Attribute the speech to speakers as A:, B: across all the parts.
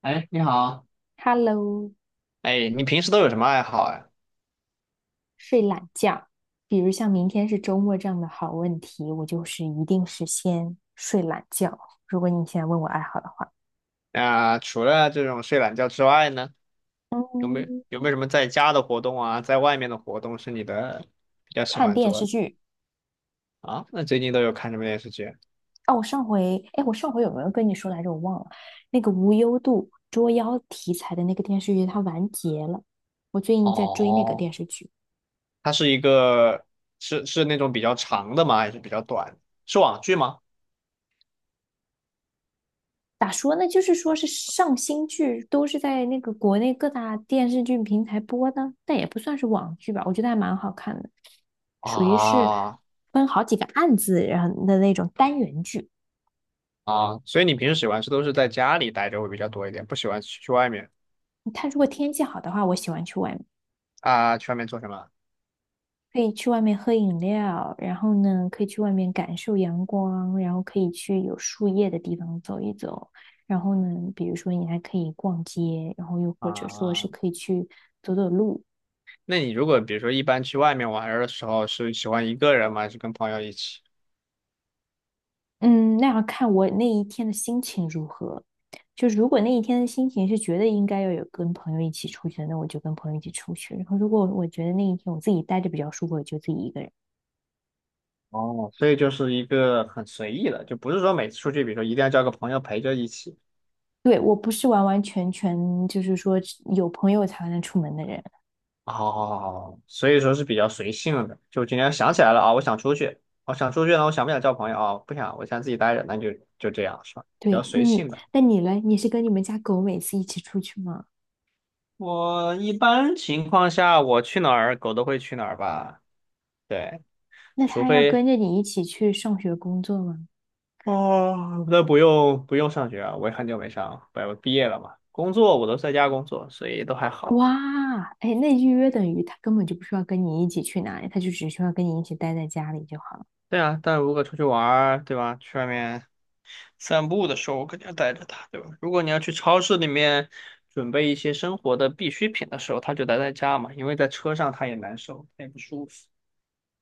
A: 哎，你好。
B: Hello，
A: 哎，你平时都有什么爱好呀？
B: 睡懒觉，比如像明天是周末这样的好问题，我就是一定是先睡懒觉。如果你现在问我爱好的话，
A: 啊，除了这种睡懒觉之外呢，
B: 嗯，
A: 有没有什么在家的活动啊，在外面的活动是你的比较喜
B: 看
A: 欢
B: 电
A: 做
B: 视
A: 的？
B: 剧。
A: 啊？那最近都有看什么电视剧？
B: 哦，我上回有没有跟你说来着？我忘了。那个无忧渡捉妖题材的那个电视剧，它完结了。我最近在追那个
A: 哦，
B: 电视剧。
A: 它是一个是那种比较长的吗？还是比较短，是网剧吗？
B: 咋说呢？就是说是上新剧都是在那个国内各大电视剧平台播的，但也不算是网剧吧，我觉得还蛮好看的，属于是
A: 啊
B: 分好几个案子然后的那种单元剧。
A: 所以你平时喜欢是都是在家里待着会比较多一点，不喜欢去外面。
B: 它如果天气好的话，我喜欢去外面，
A: 啊？去外面做什么？
B: 可以去外面喝饮料，然后呢，可以去外面感受阳光，然后可以去有树叶的地方走一走，然后呢，比如说你还可以逛街，然后又或者说是
A: 啊？
B: 可以去走走路。
A: 那你如果比如说一般去外面玩儿的时候，是喜欢一个人吗？还是跟朋友一起？
B: 嗯，那要看我那一天的心情如何。就如果那一天的心情是觉得应该要有跟朋友一起出去的，那我就跟朋友一起出去。然后如果我觉得那一天我自己待着比较舒服，我就自己一个人。
A: 哦，所以就是一个很随意的，就不是说每次出去，比如说一定要叫个朋友陪着一起。
B: 对，我不是完完全全就是说有朋友才能出门的人。
A: 哦，所以说是比较随性的。就今天想起来了啊，我想出去呢，我想不想叫朋友啊？不想，我想自己待着，那就这样，是吧？比
B: 对，
A: 较
B: 那
A: 随
B: 你
A: 性的。
B: 那你嘞？你是跟你们家狗每次一起出去吗？
A: 我一般情况下，我去哪儿，狗都会去哪儿吧？对。
B: 那
A: 除
B: 它要
A: 非，
B: 跟着你一起去上学工作吗？
A: 哦，那不用不用上学啊，我也很久没上，我毕业了嘛。工作我都在家工作，所以都还好。
B: 哇，哎，那预约等于它根本就不需要跟你一起去哪里，它就只需要跟你一起待在家里就好了。
A: 对啊，但如果出去玩儿，对吧？去外面散步的时候，我肯定要带着它，对吧？如果你要去超市里面准备一些生活的必需品的时候，它就待在家嘛，因为在车上它也难受，它也不舒服。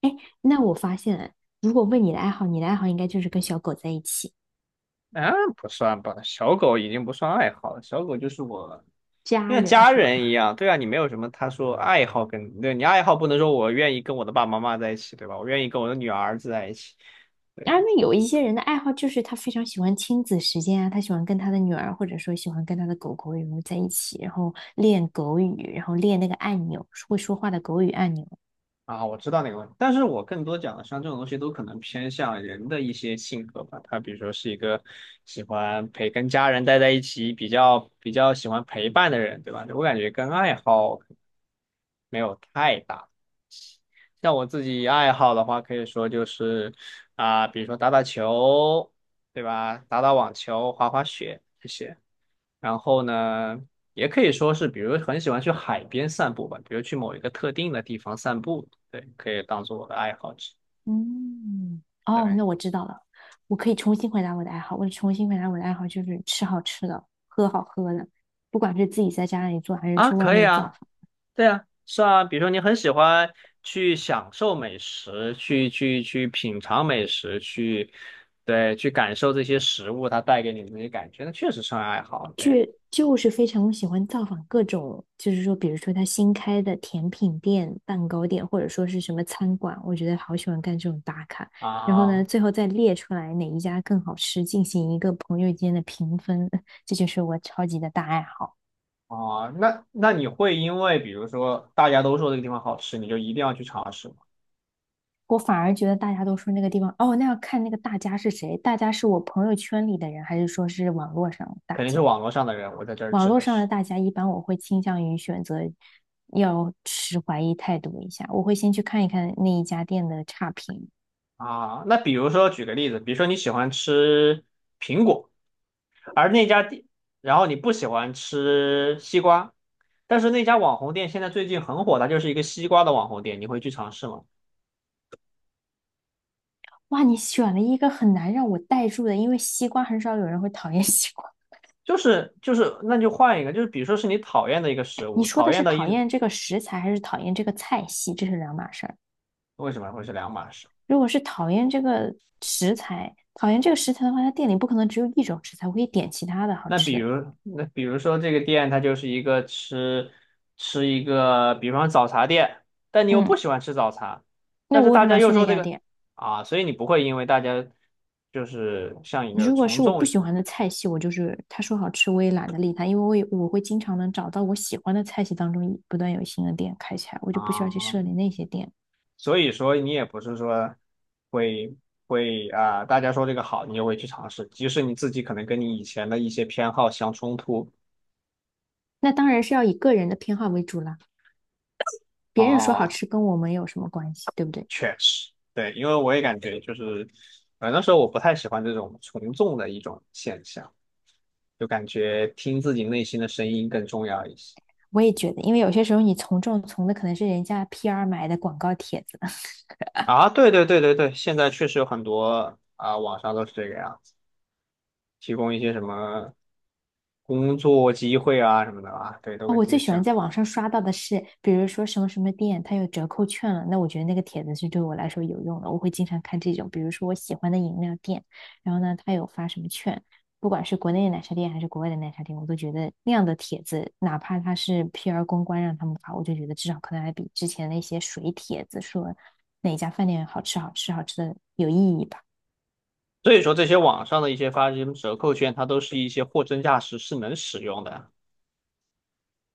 B: 哎，那我发现了如果问你的爱好，你的爱好应该就是跟小狗在一起，
A: 啊，不算吧，小狗已经不算爱好了，小狗就是我，就
B: 家
A: 像
B: 人
A: 家
B: 是吧？
A: 人一样。对啊，你没有什么他说爱好跟，对，你爱好不能说我愿意跟我的爸爸妈妈在一起，对吧？我愿意跟我的女儿儿子在一起，
B: 啊，
A: 对。
B: 那有一些人的爱好就是他非常喜欢亲子时间啊，他喜欢跟他的女儿，或者说喜欢跟他的狗狗然后在一起，然后练狗语，然后练那个按钮，会说话的狗语按钮。
A: 啊，我知道那个问题，但是我更多讲的像这种东西都可能偏向人的一些性格吧，他比如说是一个喜欢陪跟家人待在一起，比较喜欢陪伴的人，对吧？我感觉跟爱好没有太大。像我自己爱好的话，可以说就是比如说打打球，对吧？打打网球、滑滑雪这些。然后呢，也可以说是，比如很喜欢去海边散步吧，比如去某一个特定的地方散步，对，可以当做我的爱好之一。
B: 嗯，哦，那
A: 对
B: 我知道了，我可以重新回答我的爱好。我重新回答我的爱好就是吃好吃的，喝好喝的，不管是自己在家里做还是
A: 啊，
B: 去外
A: 可以
B: 面造，
A: 啊，对啊，是啊。比如说你很喜欢去享受美食，去品尝美食，去，对，去感受这些食物它带给你的那些感觉，那确实是爱好，
B: 就
A: 对。
B: 就是非常喜欢造访各种，就是说，比如说他新开的甜品店、蛋糕店，或者说是什么餐馆，我觉得好喜欢干这种打卡。然后呢，
A: 啊
B: 最后再列出来哪一家更好吃，进行一个朋友间的评分，这就是我超级的大爱好。
A: 那你会因为比如说大家都说这个地方好吃，你就一定要去尝试吗？
B: 我反而觉得大家都说那个地方，哦，那要看那个大家是谁，大家是我朋友圈里的人，还是说是网络上的大
A: 肯定是
B: 家？
A: 网络上的人，我在这儿
B: 网
A: 指
B: 络
A: 的
B: 上的
A: 是。
B: 大家，一般我会倾向于选择要持怀疑态度一下，我会先去看一看那一家店的差评。
A: 啊。那比如说举个例子，比如说你喜欢吃苹果，而那家店，然后你不喜欢吃西瓜，但是那家网红店现在最近很火，它就是一个西瓜的网红店，你会去尝试吗？
B: 哇，你选了一个很难让我带入的，因为西瓜很少有人会讨厌 西瓜。
A: 就是，那就换一个，就是比如说是你讨厌的一个食
B: 你
A: 物，
B: 说的
A: 讨
B: 是
A: 厌的一。
B: 讨厌这个食材，还是讨厌这个菜系？这是两码事儿。
A: 为什么会是两码事？
B: 如果是讨厌这个食材，讨厌这个食材的话，他店里不可能只有一种食材，我可以点其他的好
A: 那比
B: 吃的。
A: 如，那比如说这个店，它就是一个吃一个，比方早茶店，但你又
B: 嗯，
A: 不喜欢吃早茶。
B: 那
A: 但
B: 我
A: 是
B: 为什
A: 大
B: 么
A: 家
B: 要
A: 又
B: 去那
A: 说这
B: 家
A: 个
B: 店？
A: 啊，所以你不会因为大家就是像一个
B: 如果
A: 从
B: 是我不
A: 众
B: 喜
A: 心。
B: 欢的菜系，我就是他说好吃我也懒得理他，因为我会经常能找到我喜欢的菜系当中不断有新的店开起来，我就不需要去
A: 啊，
B: 设立那些店。
A: 所以说你也不是说会会啊，大家说这个好，你就会去尝试，即使你自己可能跟你以前的一些偏好相冲突。
B: 那当然是要以个人的偏好为主啦，别人说好
A: 啊。
B: 吃跟我们有什么关系，对不对？
A: 确实，对，因为我也感觉就是，那时候我不太喜欢这种从众的一种现象，就感觉听自己内心的声音更重要一些。
B: 我也觉得，因为有些时候你从众从的可能是人家 PR 买的广告帖子。
A: 啊，对对对对对，现在确实有很多啊，网上都是这个样子，提供一些什么工作机会啊什么的啊，对，都
B: 啊，
A: 跟
B: 我
A: 这
B: 最
A: 些
B: 喜欢
A: 像。
B: 在网上刷到的是，比如说什么什么店它有折扣券了，那我觉得那个帖子是对我来说有用的，我会经常看这种，比如说我喜欢的饮料店，然后呢，它有发什么券，不管是国内的奶茶店还是国外的奶茶店，我都觉得那样的帖子，哪怕它是 PR 公关让他们发，我就觉得至少可能还比之前那些水帖子说哪家饭店好吃好吃好吃的有意义吧。
A: 所以说，这些网上的一些发这些折扣券，它都是一些货真价实，是能使用的。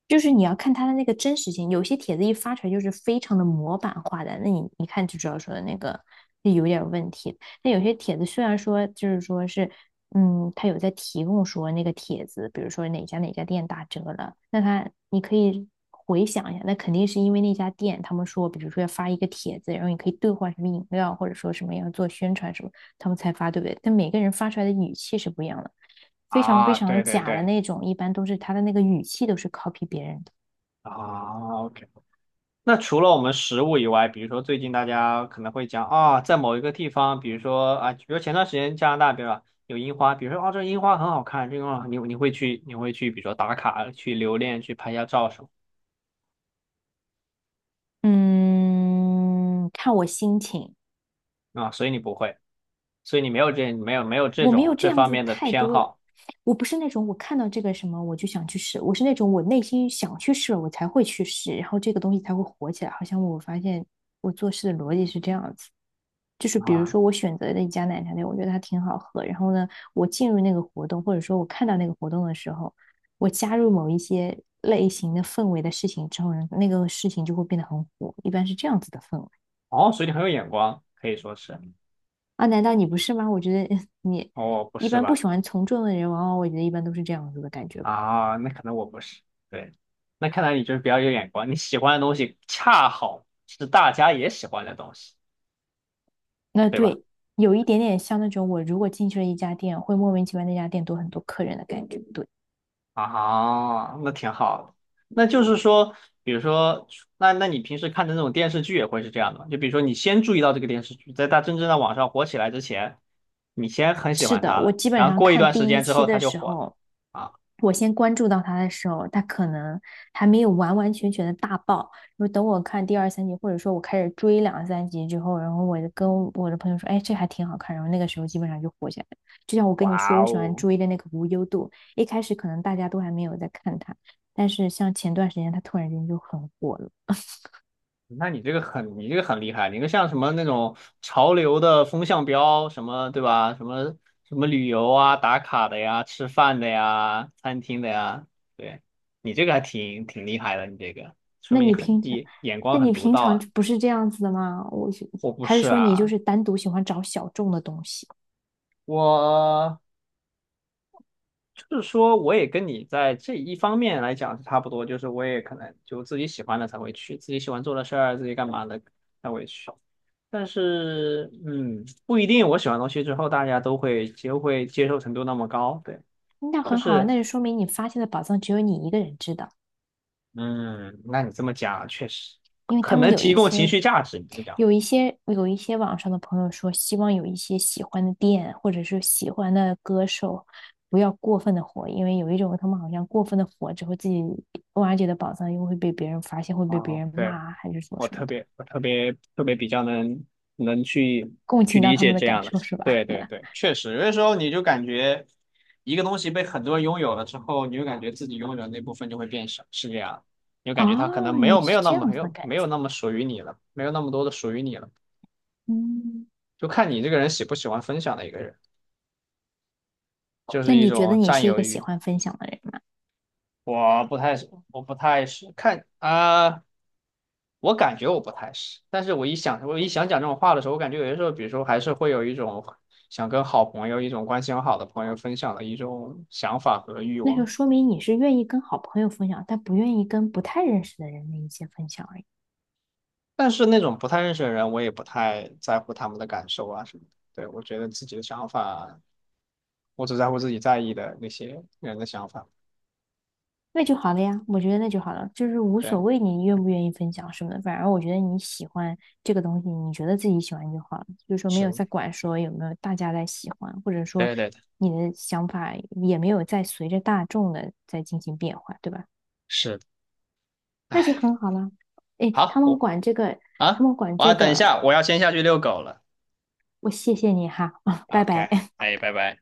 B: 就是你要看他的那个真实性，有些帖子一发出来就是非常的模板化的，那你一看就知道说的那个那有点问题。那有些帖子虽然说就是说是，他有在提供说那个帖子，比如说哪家店打折了，那他你可以回想一下，那肯定是因为那家店他们说，比如说要发一个帖子，然后你可以兑换什么饮料，或者说什么要做宣传什么，他们才发，对不对？但每个人发出来的语气是不一样的。非常非
A: 啊。
B: 常
A: 对对
B: 假的
A: 对，
B: 那种，一般都是他的那个语气都是 copy 别人的。
A: 啊，OK。那除了我们食物以外，比如说最近大家可能会讲啊，在某一个地方，比如说啊，比如前段时间加拿大，比如说有樱花，比如说啊，这樱花很好看，这个樱花你会去，比如说打卡、去留恋、去拍一下照什么。
B: 嗯，看我心情，
A: 啊，所以你没有这
B: 我没
A: 种
B: 有这
A: 这
B: 样
A: 方
B: 子
A: 面的
B: 太
A: 偏
B: 多的，
A: 好。
B: 我不是那种我看到这个什么我就想去试，我是那种我内心想去试了我才会去试，然后这个东西才会火起来。好像我发现我做事的逻辑是这样子，就是比如
A: 啊，
B: 说我选择的一家奶茶店，我觉得它挺好喝，然后呢，我进入那个活动或者说我看到那个活动的时候，我加入某一些类型的氛围的事情之后呢，那个事情就会变得很火，一般是这样子的氛围。
A: 哦，所以你很有眼光，可以说是。
B: 啊，难道你不是吗？我觉得 你
A: 哦，不
B: 一
A: 是
B: 般不喜
A: 吧？
B: 欢从众的人，往往我觉得一般都是这样子的感觉吧。
A: 啊，那可能我不是。对，那看来你就是比较有眼光，你喜欢的东西恰好是大家也喜欢的东西，
B: 那
A: 对吧？
B: 对，有一点点像那种我如果进去了一家店，会莫名其妙那家店多很多客人的感觉。对。
A: 啊，那挺好的。那就是说，比如说，那你平时看的那种电视剧也会是这样的吗？就比如说，你先注意到这个电视剧，在它真正在网上火起来之前，你先很喜
B: 是
A: 欢
B: 的，
A: 它
B: 我
A: 了，
B: 基本
A: 然后
B: 上
A: 过一
B: 看
A: 段时
B: 第一
A: 间之
B: 期
A: 后，
B: 的
A: 它就
B: 时
A: 火了。
B: 候，
A: 啊，
B: 我先关注到他的时候，他可能还没有完完全全的大爆。然后等我看第二三集，或者说我开始追两三集之后，然后我就跟我的朋友说：“哎，这还挺好看。”然后那个时候基本上就火起来了。就像我跟你说，
A: 哇
B: 我喜欢
A: 哦！
B: 追的那个无忧渡，一开始可能大家都还没有在看它，但是像前段时间它突然间就很火了。
A: 那你这个很厉害，你个像什么那种潮流的风向标，什么对吧？什么旅游啊、打卡的呀、吃饭的呀、餐厅的呀，对，你这个还挺厉害的，你这个说
B: 那
A: 明
B: 你
A: 很
B: 平常，
A: 眼
B: 那
A: 光
B: 你
A: 很独
B: 平
A: 到
B: 常
A: 啊。
B: 不是这样子的吗？我是
A: 我不
B: 还是
A: 是
B: 说你就
A: 啊，
B: 是单独喜欢找小众的东西？
A: 我就是说我也跟你在这一方面来讲是差不多，就是我也可能就自己喜欢的才会去，自己喜欢做的事儿，自己干嘛的才会去。但是，不一定。我喜欢的东西之后，大家都会接受程度那么高，对。
B: 那
A: 就
B: 很好啊，
A: 是，
B: 那就说明你发现的宝藏只有你一个人知道，
A: 嗯，那你这么讲，确实
B: 因为他
A: 可
B: 们
A: 能提供情绪价值。你这么讲，
B: 有一些网上的朋友说，希望有一些喜欢的店或者是喜欢的歌手，不要过分的火，因为有一种他们好像过分的火之后，自己挖掘的宝藏又会被别人发现，会被别
A: 哦，
B: 人骂
A: 对。
B: 啊，还是什么
A: 我
B: 什么
A: 特
B: 的，
A: 别，我特别特别比较能去
B: 共
A: 去
B: 情到
A: 理
B: 他
A: 解
B: 们的
A: 这
B: 感
A: 样的，
B: 受是吧？
A: 对对对，确实。有的时候你就感觉一个东西被很多人拥有了之后，你就感觉自己拥有的那部分就会变少，是这样。你 就感觉它可能
B: 啊，
A: 没
B: 你
A: 有没
B: 是
A: 有那
B: 这
A: 么
B: 样
A: 没
B: 子的
A: 有
B: 感
A: 没有
B: 觉，
A: 那么属于你了，没有那么多的属于你了。
B: 嗯，
A: 就看你这个人喜不喜欢分享的一个人，就
B: 那
A: 是一
B: 你觉得
A: 种
B: 你
A: 占
B: 是一
A: 有
B: 个喜
A: 欲。
B: 欢分享的人吗？
A: 我不太我不太是看啊、我感觉我不太是，但是我一想讲这种话的时候，我感觉有些时候，比如说还是会有一种想跟好朋友、一种关系很好的朋友分享的一种想法和欲
B: 那就
A: 望。
B: 说明你是愿意跟好朋友分享，但不愿意跟不太认识的人的一些分享而已，
A: 但是那种不太认识的人，我也不太在乎他们的感受啊什么的。对，我觉得自己的想法，我只在乎自己在意的那些人的想法。
B: 那就好了呀。我觉得那就好了，就是无
A: 对，
B: 所谓你愿不愿意分享什么的，反而我觉得你喜欢这个东西，你觉得自己喜欢就好了，就是说没有
A: 是，
B: 在管说有没有大家在喜欢，或者说
A: 对对对，
B: 你的想法也没有在随着大众的在进行变化，对吧？
A: 是。
B: 那就很好了。哎，
A: 好，我。
B: 他
A: 啊，
B: 们管
A: 我
B: 这
A: 要等一
B: 个，
A: 下，我要先下去遛狗了。
B: 我谢谢你哈，啊，拜拜。
A: OK，哎，拜拜。